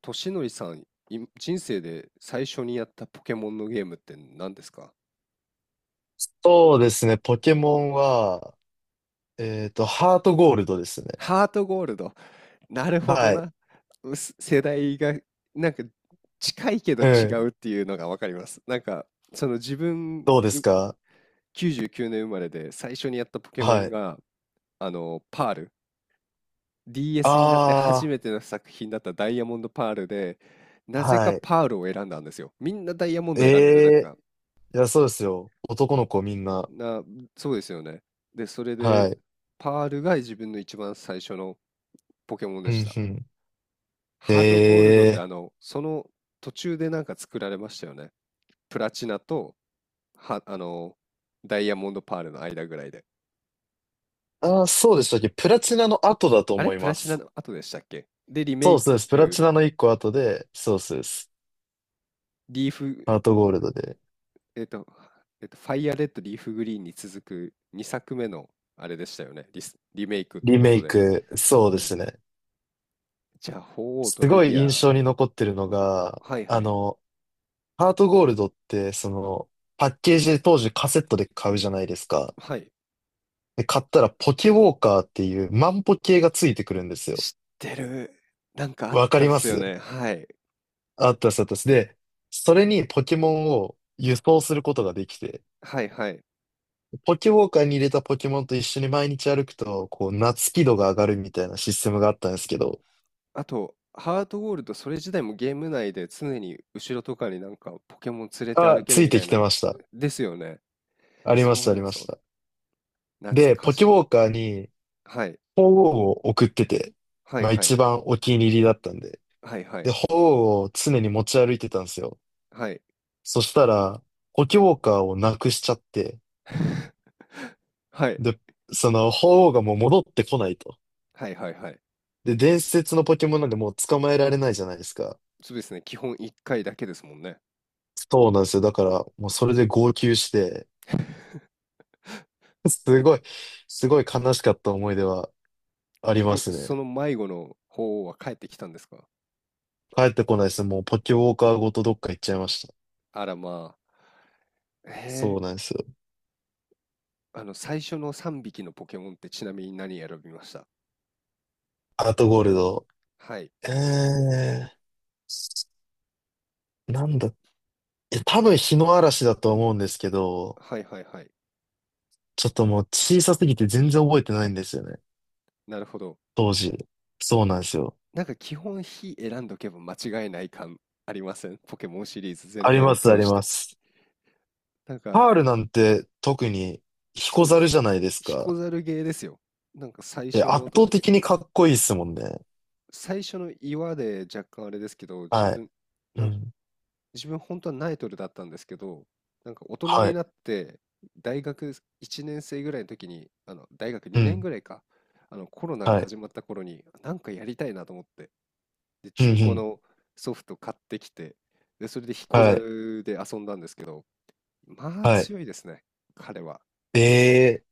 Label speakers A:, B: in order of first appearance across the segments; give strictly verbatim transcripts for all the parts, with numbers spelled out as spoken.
A: としのりさん、い人生で最初にやったポケモンのゲームって何ですか？
B: そうですね、ポケモンは、えっと、ハートゴールドですね。
A: ハートゴールド。なるほど
B: はい。
A: な。うす世代がなんか近いけど
B: う
A: 違う
B: ん。
A: っていうのがわかります。なんかその自分
B: どうで
A: い
B: すか？
A: きゅうじゅうきゅうねん生まれで最初にやったポケモ
B: は
A: ン
B: い。
A: があのパール。ディーエス になって初
B: あ
A: めての作品だったダイヤモンドパールで、
B: あ、
A: なぜ
B: は
A: か
B: い。
A: パールを選んだんですよ。みんなダイヤモン
B: え
A: ドを選んでる
B: え、
A: 中、
B: いや、そうですよ。男の子みんな。
A: な、そうですよね。で、それ
B: は
A: で、
B: い。
A: パールが自分の一番最初のポケモン
B: う
A: でし
B: ん
A: た。
B: うん。
A: ハートゴールドって
B: え
A: あ
B: え、
A: の、その途中でなんか作られましたよね。プラチナと、は、あの、ダイヤモンドパールの間ぐらいで。
B: ああー、そうでしたっけ？プラチナの後だと
A: あれ
B: 思い
A: プラ
B: ま
A: チナ
B: す。
A: の後でしたっけ。で、リメ
B: そ
A: イ
B: うそうです。プラ
A: ク、
B: チナの一個後で、そうそうです。
A: リーフ、
B: ハートゴールドで。
A: えっと、えっと、ファイアレッド、リーフグリーンに続くにさくめのあれでしたよね。リス、リメイクって
B: リ
A: こ
B: メ
A: と
B: イ
A: で。
B: ク、そうですね。
A: じゃあ、鳳凰
B: す
A: とル
B: ごい
A: ギ
B: 印
A: ア、
B: 象に残ってるのが、
A: はいは
B: あ
A: い、
B: の、ハートゴールドって、その、パッケージで当時カセットで買うじゃないですか。
A: はい。
B: で、買ったらポケウォーカーっていう万歩計がついてくるんですよ。
A: 知ってる。なんかあっ
B: わか
A: た
B: り
A: っ
B: ま
A: すよ
B: す。
A: ね。はい。
B: あったです、あったです。で、それにポケモンを輸送することができて、
A: はいはい。
B: ポケウォーカーに入れたポケモンと一緒に毎日歩くと、こう、夏輝度が上がるみたいなシステムがあったんですけど、
A: あと、ハートゴールド、それ自体もゲーム内で常に後ろとかになんかポケモン連れて
B: あ、
A: 歩け
B: つ
A: る
B: い
A: みた
B: て
A: い
B: きて
A: な。
B: ました。
A: ですよね。
B: ありま
A: そ
B: し
A: う
B: た、あり
A: だ
B: ま
A: そ
B: し
A: うだ。
B: た。
A: 懐
B: で、
A: か
B: ポケ
A: し
B: ウ
A: い。
B: ォーカーに、
A: はい。
B: 鳳凰を送ってて、
A: はい
B: まあ
A: はい
B: 一
A: は。
B: 番お気に入りだったんで。
A: はいは
B: で、
A: い。
B: 本を常に持ち歩いてたんですよ。
A: はい。
B: そしたら、ポケモンカーをなくしちゃって、
A: はい
B: で、その本がもう戻ってこないと。
A: はいはいはい。
B: で、伝説のポケモンなんでもう捕まえられないじゃないですか。
A: そうですね。基本いっかいだけですもんね。
B: そうなんですよ。だから、もうそれで号泣して、す
A: え、
B: ごい、すごい悲しかった思い出はあり
A: 結
B: ま
A: 局
B: す
A: そ
B: ね。
A: の迷子の方は帰ってきたんですか？
B: 帰ってこないですね。もうポケモンカーごとどっか行っちゃいました。
A: あらまあ。へ
B: そうな
A: え
B: んですよ。
A: あの、最初のさんびきのポケモンってちなみに何選びました？
B: アートゴールド。
A: はい。
B: えー、なんだ。え、多分日の嵐だと思うんですけど、
A: はいはいはい。
B: ちょっともう小さすぎて全然覚えてないんですよね。
A: なるほど。
B: 当時。そうなんですよ。
A: なんか基本非選んどけば間違いない感ありません？ポケモンシリーズ全
B: あり
A: 体
B: ま
A: を
B: す、あ
A: 通
B: り
A: し
B: ま
A: て。
B: す。
A: なんか、
B: パールなんて特に
A: そ
B: 彦
A: うで
B: 猿
A: す。
B: じゃないです
A: 彦
B: か。
A: 猿ゲーですよ。なんか最
B: い
A: 初
B: や、圧
A: のと、
B: 倒的にかっこいいっすもんね。
A: 最初の岩で若干あれですけど、自
B: はい。
A: 分、
B: う
A: なん
B: ん。
A: 自分本当はナイトルだったんですけど、なんか大人
B: は
A: に
B: い。
A: なって大学いちねん生ぐらいの時に、あの大学
B: う
A: にねん
B: ん。
A: ぐらいか、あのコロナが
B: はい。
A: 始まった頃になんかやりたいなと思って、で
B: うん、う
A: 中古
B: ん。
A: のソフト買ってきて、でそれで彦
B: はい。
A: 猿で遊んだんですけど、まあ
B: はい。
A: 強いですね、彼は。
B: ええ、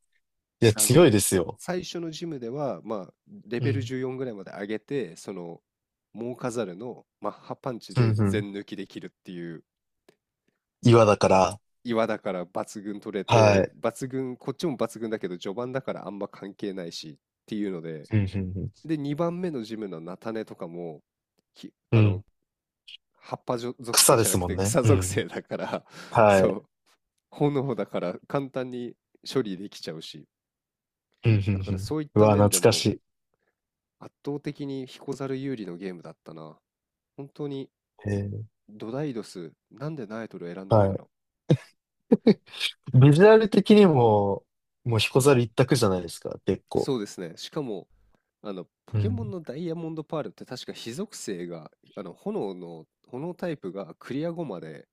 B: いや、
A: あ
B: 強
A: の
B: いですよ。
A: 最初のジムでは、まあ、レ
B: う
A: ベル
B: ん。
A: じゅうよんぐらいまで上げて、その、モーカザルのマッハパンチ
B: うん、
A: で
B: うん。
A: 全抜きできるっていう。
B: 岩だから。
A: 岩だから抜群取れ
B: は
A: て、
B: い。
A: 抜群、こっちも抜群だけど、序盤だからあんま関係ないしっていうので、
B: うん、うん、
A: で、にばんめのジムの菜種とかも、き
B: うん。
A: あ
B: う
A: の、
B: ん。
A: 葉っぱじょ属性
B: 草で
A: じゃな
B: す
A: く
B: もん
A: て
B: ね。
A: 草
B: う
A: 属
B: ん。
A: 性だから、
B: は
A: そ
B: い。
A: う、炎だから簡単に処理できちゃうし、
B: うん、うん、
A: だか
B: う
A: らそ
B: ん。
A: ういっ
B: う
A: た
B: わ、
A: 面
B: 懐
A: で
B: かし
A: も
B: い。
A: 圧倒的にヒコザル有利のゲームだったな。本当に
B: ええ、
A: ドダイドス、なんでナエトル選んだん
B: は
A: だ
B: い。
A: ろう。
B: ビジュアル的にも、もう彦猿一択じゃないですか、結構。
A: そうですね。しかも、あの、ポ
B: う
A: ケモン
B: ん。
A: のダイヤモンドパールって確か火属性が、あの、炎の、炎タイプがクリア後まで、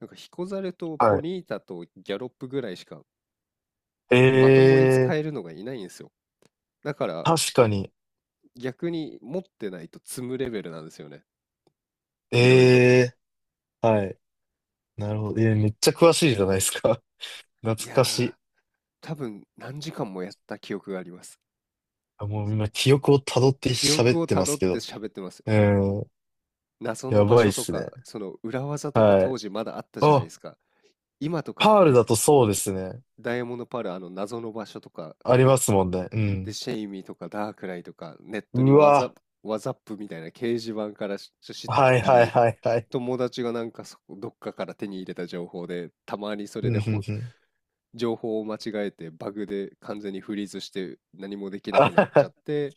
A: なんかヒコザルと
B: は
A: ポ
B: い。
A: ニータとギャロップぐらいしかまとも
B: え
A: に使
B: え
A: えるのがいないんですよ。だから
B: ー、確かに。
A: 逆に持ってないと積むレベルなんですよね。
B: え
A: いろいろ。
B: えー、はい。なるほど。えー、めっちゃ詳しいじゃないですか。懐
A: いや
B: かし
A: ー、
B: い。
A: 多分何時間もやった記憶があります。
B: あ、もう今、記憶を辿って
A: 記
B: 喋っ
A: 憶を
B: て
A: た
B: ま
A: ど
B: す
A: っ
B: け
A: て
B: ど。
A: 喋ってます。
B: うん、
A: 謎の
B: や
A: 場
B: ばいっ
A: 所と
B: すね。
A: か、その裏技とか
B: は
A: 当
B: い。
A: 時まだあったじゃないで
B: あ、
A: すか。今とかっ
B: パールだ
A: て
B: とそうですね。
A: ダイヤモンドパール、あの、謎の場所とか
B: あり
A: 行
B: ま
A: っ
B: すもんね。う
A: て、
B: ん。
A: シェイミーとかダークライとか、ネットに
B: う
A: ワザ、
B: わ。
A: ワザップみたいな掲示板からし知っ
B: はい
A: た
B: はい
A: り、
B: はいはい。
A: 友達がなんかそこどっかから手に入れた情報で、たまにそ
B: う
A: れ
B: ん、
A: で
B: うん、
A: ほ
B: うん。
A: 情報を間違えて、バグで完全にフリーズして何もで きな
B: あ
A: くなっちゃ
B: は
A: って、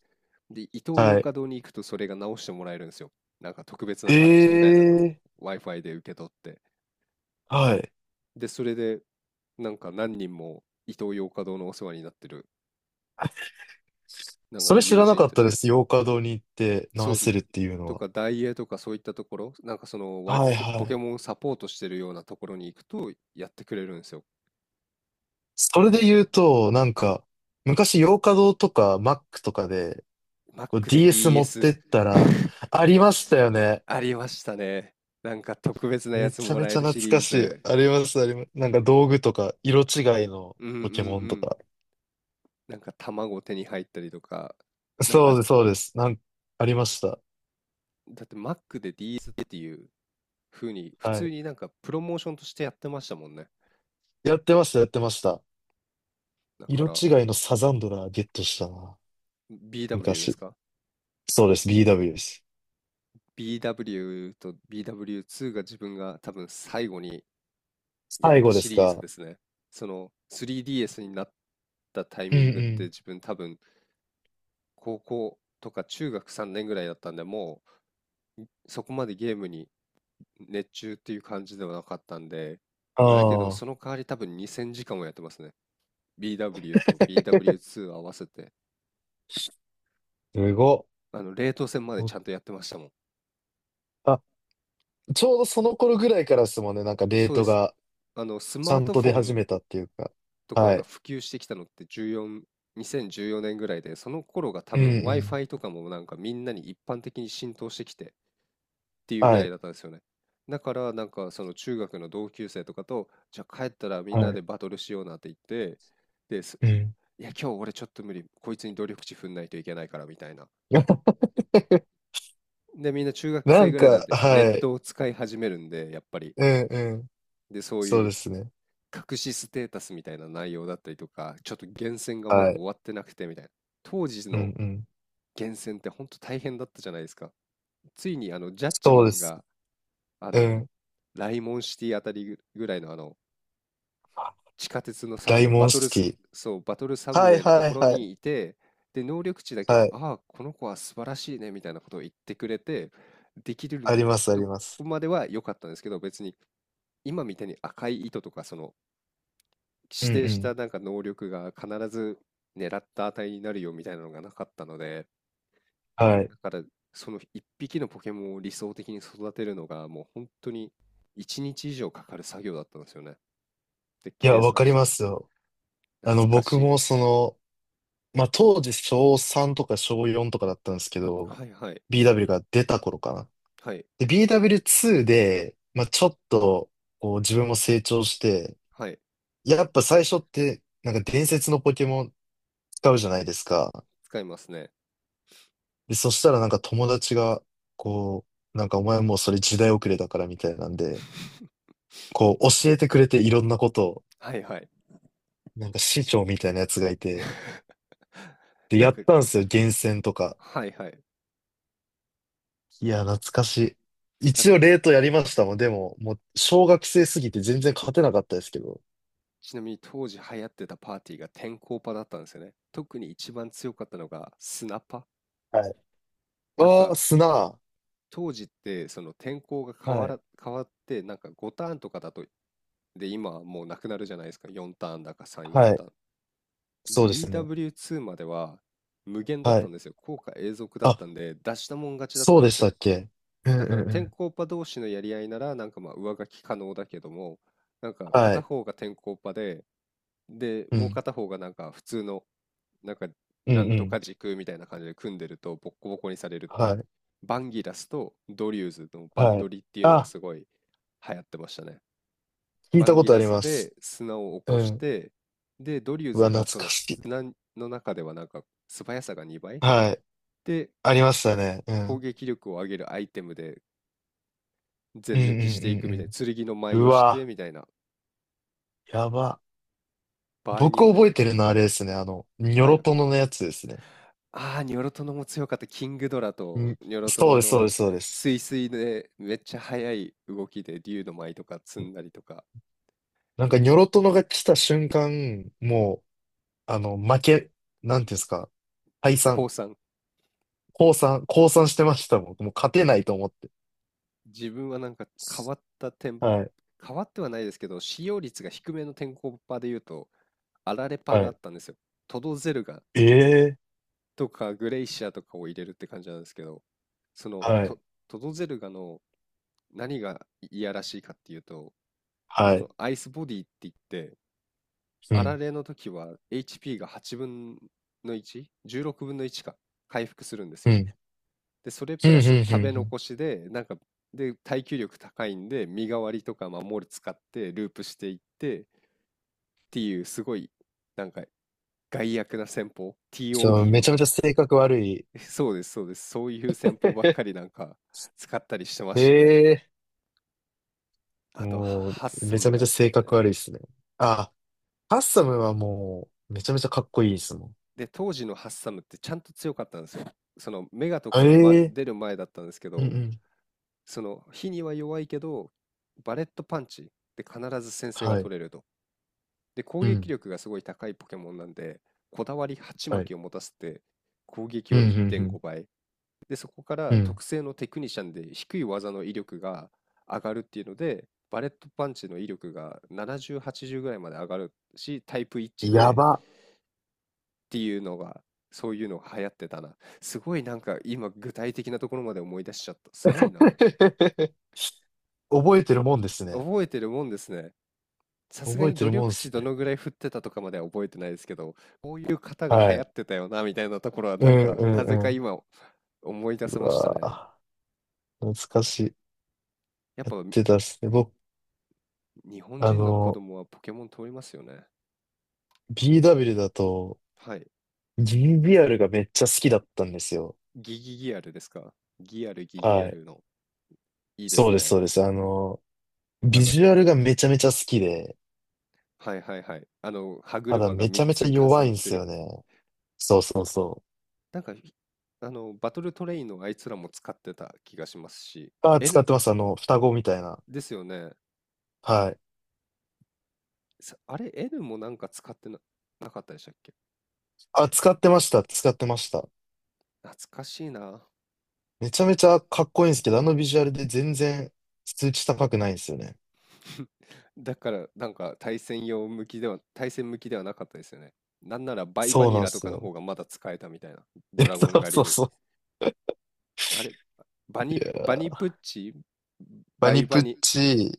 A: で、イトー
B: は。
A: ヨ
B: は
A: ー
B: い。
A: カドーに行くとそれが直してもらえるんですよ。なんか特別なパッチみ
B: え
A: たいなのを
B: え
A: Wi-Fi で受け取って。
B: ー、はい。
A: で、それで、なんか何人もイトーヨーカドーのお世話になってるなん
B: そ
A: か
B: れ知
A: 友
B: らな
A: 人
B: かっ
A: た
B: た
A: ち。
B: です。洋華堂に行って
A: そう
B: 直
A: で
B: せ
A: す。
B: るっていうの
A: と
B: は。
A: か、ダイエーとかそういったところ、なんかそのワイ、
B: はい
A: と
B: は
A: ポケ
B: い。
A: モンサポートしてるようなところに行くとやってくれるんですよ。
B: それで言うと、なんか、昔洋華堂とか Mac とかで、こう
A: Mac で
B: ディーエス 持っ
A: ディーエス。
B: てったら、ありましたよね。
A: ありましたね。なんか特別なや
B: め
A: つ
B: ちゃ
A: も
B: め
A: ら
B: ち
A: え
B: ゃ
A: るシ
B: 懐
A: リー
B: かしい。
A: ズ。
B: あります、あります。なんか道具とか、色違いの
A: うんうんう
B: ポケモンと
A: ん。
B: か。
A: なんか卵手に入ったりとか、なん
B: そ
A: か、
B: うです、そうです。なん、ありました。
A: だって Mac で ディーエス っていう風に、普
B: は
A: 通
B: い。
A: になんかプロモーションとしてやってましたもんね。
B: やってました、やってました。
A: だか
B: 色
A: ら、
B: 違いのサザンドラゲットしたな。
A: ビーダブリュー です
B: 昔。
A: か？
B: そうです、ビーダブリュー です。
A: ビーダブリュー と ビーダブリューツー が自分が多分最後にやっ
B: 最
A: た
B: 後で
A: シ
B: す
A: リーズ
B: か？
A: ですね。その スリーディーエス になったタイ
B: うんう
A: ミングって
B: ん。
A: 自分多分高校とか中学さんねんぐらいだったんで、もうそこまでゲームに熱中っていう感じではなかったんで、
B: あ
A: まあ、だけど
B: あ、
A: その代わり多分にせんじかんもやってますね。ビーダブリュー と ビーダブリューツー 合わせて、
B: すご
A: あの、冷凍戦までち
B: っ。
A: ゃんとやってましたもん。
B: あ、ちょうどその頃ぐらいからですもんね、なんかレー
A: そうで
B: ト
A: す。
B: が
A: あの、ス
B: ち
A: マ
B: ゃ
A: ー
B: ん
A: ト
B: と
A: フォ
B: 出始
A: ン
B: めたっていうか。
A: とか
B: は
A: が
B: い。
A: 普及してきたのってじゅうよん、にせんじゅうよねんぐらいで、その頃が多
B: うんう
A: 分
B: ん。
A: Wi-Fi とかもなんかみんなに一般的に浸透してきてっていうぐ
B: は
A: らい
B: い。
A: だったんですよね。だからなんかその中学の同級生とかと、じゃあ帰ったらみん
B: は
A: な
B: い。
A: でバトルしようなって言って、です。
B: うん。
A: いや、今日俺ちょっと無理。こいつに努力値踏んないといけないからみたいな。で、みんな中学
B: な
A: 生
B: ん
A: ぐらいなん
B: か、
A: でネッ
B: はい。
A: トを使い始めるんで、やっぱり。
B: うんうん。
A: で、そう
B: そう
A: い
B: で
A: う
B: すね。
A: 隠しステータスみたいな内容だったりとか、ちょっと厳選がまだ
B: は
A: 終
B: い。
A: わってなくてみたいな。当時
B: うん
A: の
B: うん。
A: 厳選って本当大変だったじゃないですか。ついにあのジャッジ
B: そ
A: マ
B: うで
A: ン
B: す。
A: があ
B: う
A: の
B: ん。
A: ライモンシティあたりぐらいのあの地下鉄のサブウ
B: 大
A: ェイ、バ
B: 門
A: トルス、
B: 式。
A: そう、バトルサブウ
B: はい
A: ェイのと
B: はい
A: ころ
B: はい。
A: にいて、で、能力値だけ、
B: はい。
A: ああ、この子は素晴らしいね、みたいなことを言ってくれて、でき
B: あ
A: る
B: ります、あ
A: と
B: りま
A: こ
B: す。
A: までは良かったんですけど、別に今みたいに赤い糸とか、その
B: う
A: 指
B: ん
A: 定
B: う
A: した
B: ん。
A: なんか能力が必ず狙った値になるよみたいなのがなかったので、
B: はい。
A: だから、その一匹のポケモンを理想的に育てるのが、もう本当に一日以上かかる作業だったんですよね。で、
B: いや、
A: 計
B: わ
A: 算
B: かり
A: し
B: ま
A: て。
B: すよ。
A: 懐
B: あの、
A: か
B: 僕
A: しい。
B: もその、まあ、当時小さんとか小よんとかだったんですけど、
A: はいはい。
B: ビーダブリュー が出た頃かな。
A: はい。
B: で、ビーダブリューツー で、まあ、ちょっと、こう、自分も成長して、
A: はい。
B: やっぱ最初って、なんか伝説のポケモン使うじゃないですか。
A: 使いますね。
B: で、そしたらなんか友達が、こう、なんかお前もうそれ時代遅れだからみたいなんで、こう、教えてくれていろんなことを、
A: はいはい。
B: なんか師匠みたいなやつがいて、で、
A: なん
B: やっ
A: か、
B: たんですよ、厳選とか。
A: はいはい。
B: いや、懐かしい。
A: なん
B: 一
A: か、
B: 応、レートやりましたもん。でも、もう、小学生すぎて全然勝てなかったですけど。
A: ちなみに当時流行ってたパーティーが天候パだったんですよね。特に一番強かったのがスナパ。
B: はい。
A: なん
B: ああ、
A: か、
B: 砂。は
A: 当時ってその天候が変わ
B: い。
A: ら、変わってなんかごターンとかだと。で今はもうなくなるじゃないですか。よんターンだかさんじゅうよん
B: はい。
A: ターン。で
B: そうですね。
A: ビーダブリューツー までは無限だっ
B: は
A: た
B: い。
A: んですよ。効果永続だっ
B: あ、
A: たんで出したもん勝ちだっ
B: そ
A: た
B: う
A: ん
B: で
A: で
B: し
A: す
B: た
A: よ。
B: っけ？うん
A: だか
B: う
A: ら
B: んう
A: 天
B: ん。
A: 候パ同士のやり合いならなんかまあ上書き可能だけども、なんか
B: は
A: 片
B: い。
A: 方が天候パで、で
B: う
A: もう
B: ん。
A: 片方がなんか普通のなんか、
B: うん
A: なん
B: う
A: とか
B: ん。
A: 軸みたいな感じで組んでると、ボッコボコにされるっていう。
B: はい。
A: バンギラスとドリューズのバン
B: は
A: ド
B: い。
A: リっていうのが
B: あ、
A: すごい流行ってましたね。
B: 聞い
A: バ
B: た
A: ン
B: こ
A: ギ
B: とあ
A: ラ
B: り
A: ス
B: ます。
A: で砂を起
B: う
A: こし
B: ん。
A: て、で、ドリュー
B: う
A: ズ
B: わ、
A: が
B: 懐
A: そ
B: か
A: の
B: しい。
A: 砂の中ではなんか素早さがにばい
B: はい。
A: で、
B: ありましたね。う
A: 攻
B: ん。
A: 撃力を上げるアイテムで
B: うん
A: 全
B: うん
A: 抜きし
B: う
A: ていくみたいな、
B: ん
A: 剣の
B: うん。
A: 舞
B: う
A: をして
B: わ、
A: みたいな、
B: やば。
A: 場合に
B: 僕
A: よって
B: 覚
A: は。
B: えてるのはあれですね。あの、ニョ
A: はい。
B: ロトノのやつですね。
A: ああ、ニョロトノも強かった。キングドラと
B: ん、
A: ニョロト
B: そう
A: ノ
B: です、そうで
A: の
B: す、そうで
A: ス
B: す。
A: イスイでめっちゃ速い動きで竜の舞とか積んだりとか。
B: なんか、ニョ
A: じ
B: ロトノが来た瞬間、もう、あの、負け、なんていうんですか、退散、
A: 降参。
B: 降参、降参してましたもん。もう勝てないと思って。
A: 自分はなんか変わった点、
B: はい、
A: 変わってはないですけど、使用率が低めの天候パで言うと、アラレパ
B: は
A: があ
B: い。
A: ったんですよ。トドゼルガ
B: ええ、
A: とかグレイシアとかを入れるって感じなんですけど、その
B: はい、
A: ト、トドゼルガの何がいいやらしいかっていうと、
B: は
A: その
B: い。
A: アイスボディって言って、
B: う
A: あら
B: ん、
A: れの時は エイチピー がはちぶんの いち？ じゅうろくぶんのいちか。回復するんです
B: う
A: よ。
B: ん、
A: で、それ
B: うん、
A: プ
B: うん、
A: ラス食
B: う
A: べ
B: ん。うん。
A: 残しで、なんか、で、耐久力高いんで、身代わりとか守り使ってループしていってっていう、すごい、なんか、害悪な戦法、
B: そう、め
A: ティーオーディー。
B: ちゃめちゃ性格悪い。
A: そうです、そうです。そういう戦法ばっかりな んか使ったりしてましたね。
B: ええ、
A: あとは、ハ
B: も
A: ハッ
B: う、
A: サ
B: めちゃ
A: ム
B: め
A: が
B: ちゃ
A: 好き
B: 性
A: で
B: 格悪いっ
A: ね。
B: すね。あ、ハッサムはもう、めちゃめちゃかっこいいですもん。
A: で、当時のハッサムってちゃんと強かったんですよ。そのメガとかが、ま、
B: え
A: 出
B: え。
A: る前だったんですけ
B: うんう
A: ど、
B: ん。
A: その火には弱いけどバレットパンチで必ず先制が
B: はい。
A: 取れると。で攻
B: う
A: 撃
B: ん。
A: 力がすごい高いポケモンなんで、こだわり鉢
B: は
A: 巻
B: い。
A: きを持たせて攻撃
B: うん、う
A: を1.5
B: ん、
A: 倍で、そこか
B: うん。
A: ら
B: うん。
A: 特性のテクニシャンで低い技の威力が上がるっていうので、バレットパンチの威力がななじゅう、はちじゅうぐらいまで上がるしタイプ一致
B: や
A: でっ
B: ば。
A: ていうのがそういうのが流行ってたな。すごいなんか今具体的なところまで思い出しちゃった。すごいな。
B: 覚えてるもんですね。
A: 覚えてるもんですね。さすが
B: 覚え
A: に
B: て
A: 努
B: るもんで
A: 力値
B: す
A: ど
B: ね。
A: のぐらい振ってたとかまでは覚えてないですけど、こういう方が
B: は
A: 流行
B: い。
A: ってたよなみたいなところは
B: う
A: なん
B: ん、
A: かなぜ
B: う
A: か
B: ん、
A: 今思い出せ
B: う
A: ました
B: わ
A: ね。
B: ぁ、懐かしい。
A: やっ
B: やっ
A: ぱ
B: てたっすね。僕、
A: 日本
B: あ
A: 人の子
B: の、
A: 供はポケモン通りますよね。
B: ビーダブリュー だと、
A: はい。
B: ジービーアール がめっちゃ好きだったんですよ。
A: ギギギアルですか？ギアルギギア
B: はい。
A: ルの。いいで
B: そう
A: す
B: です、
A: ね。
B: そうです。あの、
A: あ
B: ビ
A: の、
B: ジュアルがめちゃめちゃ好きで、
A: はいはいはい。あの、歯
B: ただ
A: 車が
B: めち
A: 3
B: ゃめち
A: つ
B: ゃ
A: 重
B: 弱
A: な
B: いん
A: っ
B: で
A: て
B: す
A: る。
B: よね。そうそうそ
A: なんか、ひあの、バトルトレインのあいつらも使ってた気がしますし、
B: う。あ、使っ
A: N
B: てます。あの、双子みたいな。
A: ですよね。
B: はい。
A: さあれ、N もなんか使ってな、なかったでしたっけ？
B: あ、使ってました。使ってました。
A: 懐かしいな。
B: めちゃめちゃかっこいいんですけど、あのビジュアルで全然数値高くないんですよね。
A: だからなんか対戦用向きでは、対戦向きではなかったですよね。なんならバイバ
B: そう
A: ニ
B: なんで
A: ラと
B: す
A: かの
B: よ。
A: 方がまだ使えたみたいな。
B: え、
A: ドラゴン
B: そう
A: 狩
B: そ
A: り
B: う
A: に。
B: そう。
A: あれ、バ
B: い
A: ニ、
B: や
A: バニ
B: ー、
A: プッチ、
B: バ
A: バ
B: ニ
A: イ
B: プ
A: バ
B: ッ
A: ニ、
B: チ、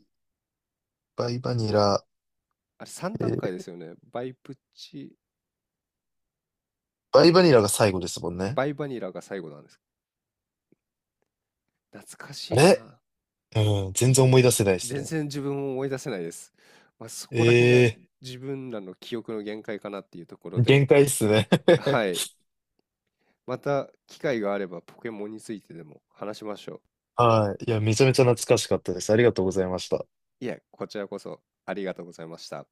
B: バイバニラ、
A: あれ、さん段
B: え
A: 階です
B: ー
A: よね。バイプッチ、
B: バイバニラが最後ですもんね。
A: バイバニラが最後なんです。懐か
B: あ
A: しい
B: れ、
A: な。
B: うん、全然思い出せないです
A: 全
B: ね。
A: 然自分を思い出せないです。まあ、そこら辺が
B: ええ
A: 自分らの記憶の限界かなっていうところ
B: ー、
A: で、
B: 限界っすね。
A: はい。また機会があればポケモンについてでも話しましょう。
B: はい。いや、めちゃめちゃ懐かしかったです。ありがとうございました。
A: いえ、こちらこそありがとうございました。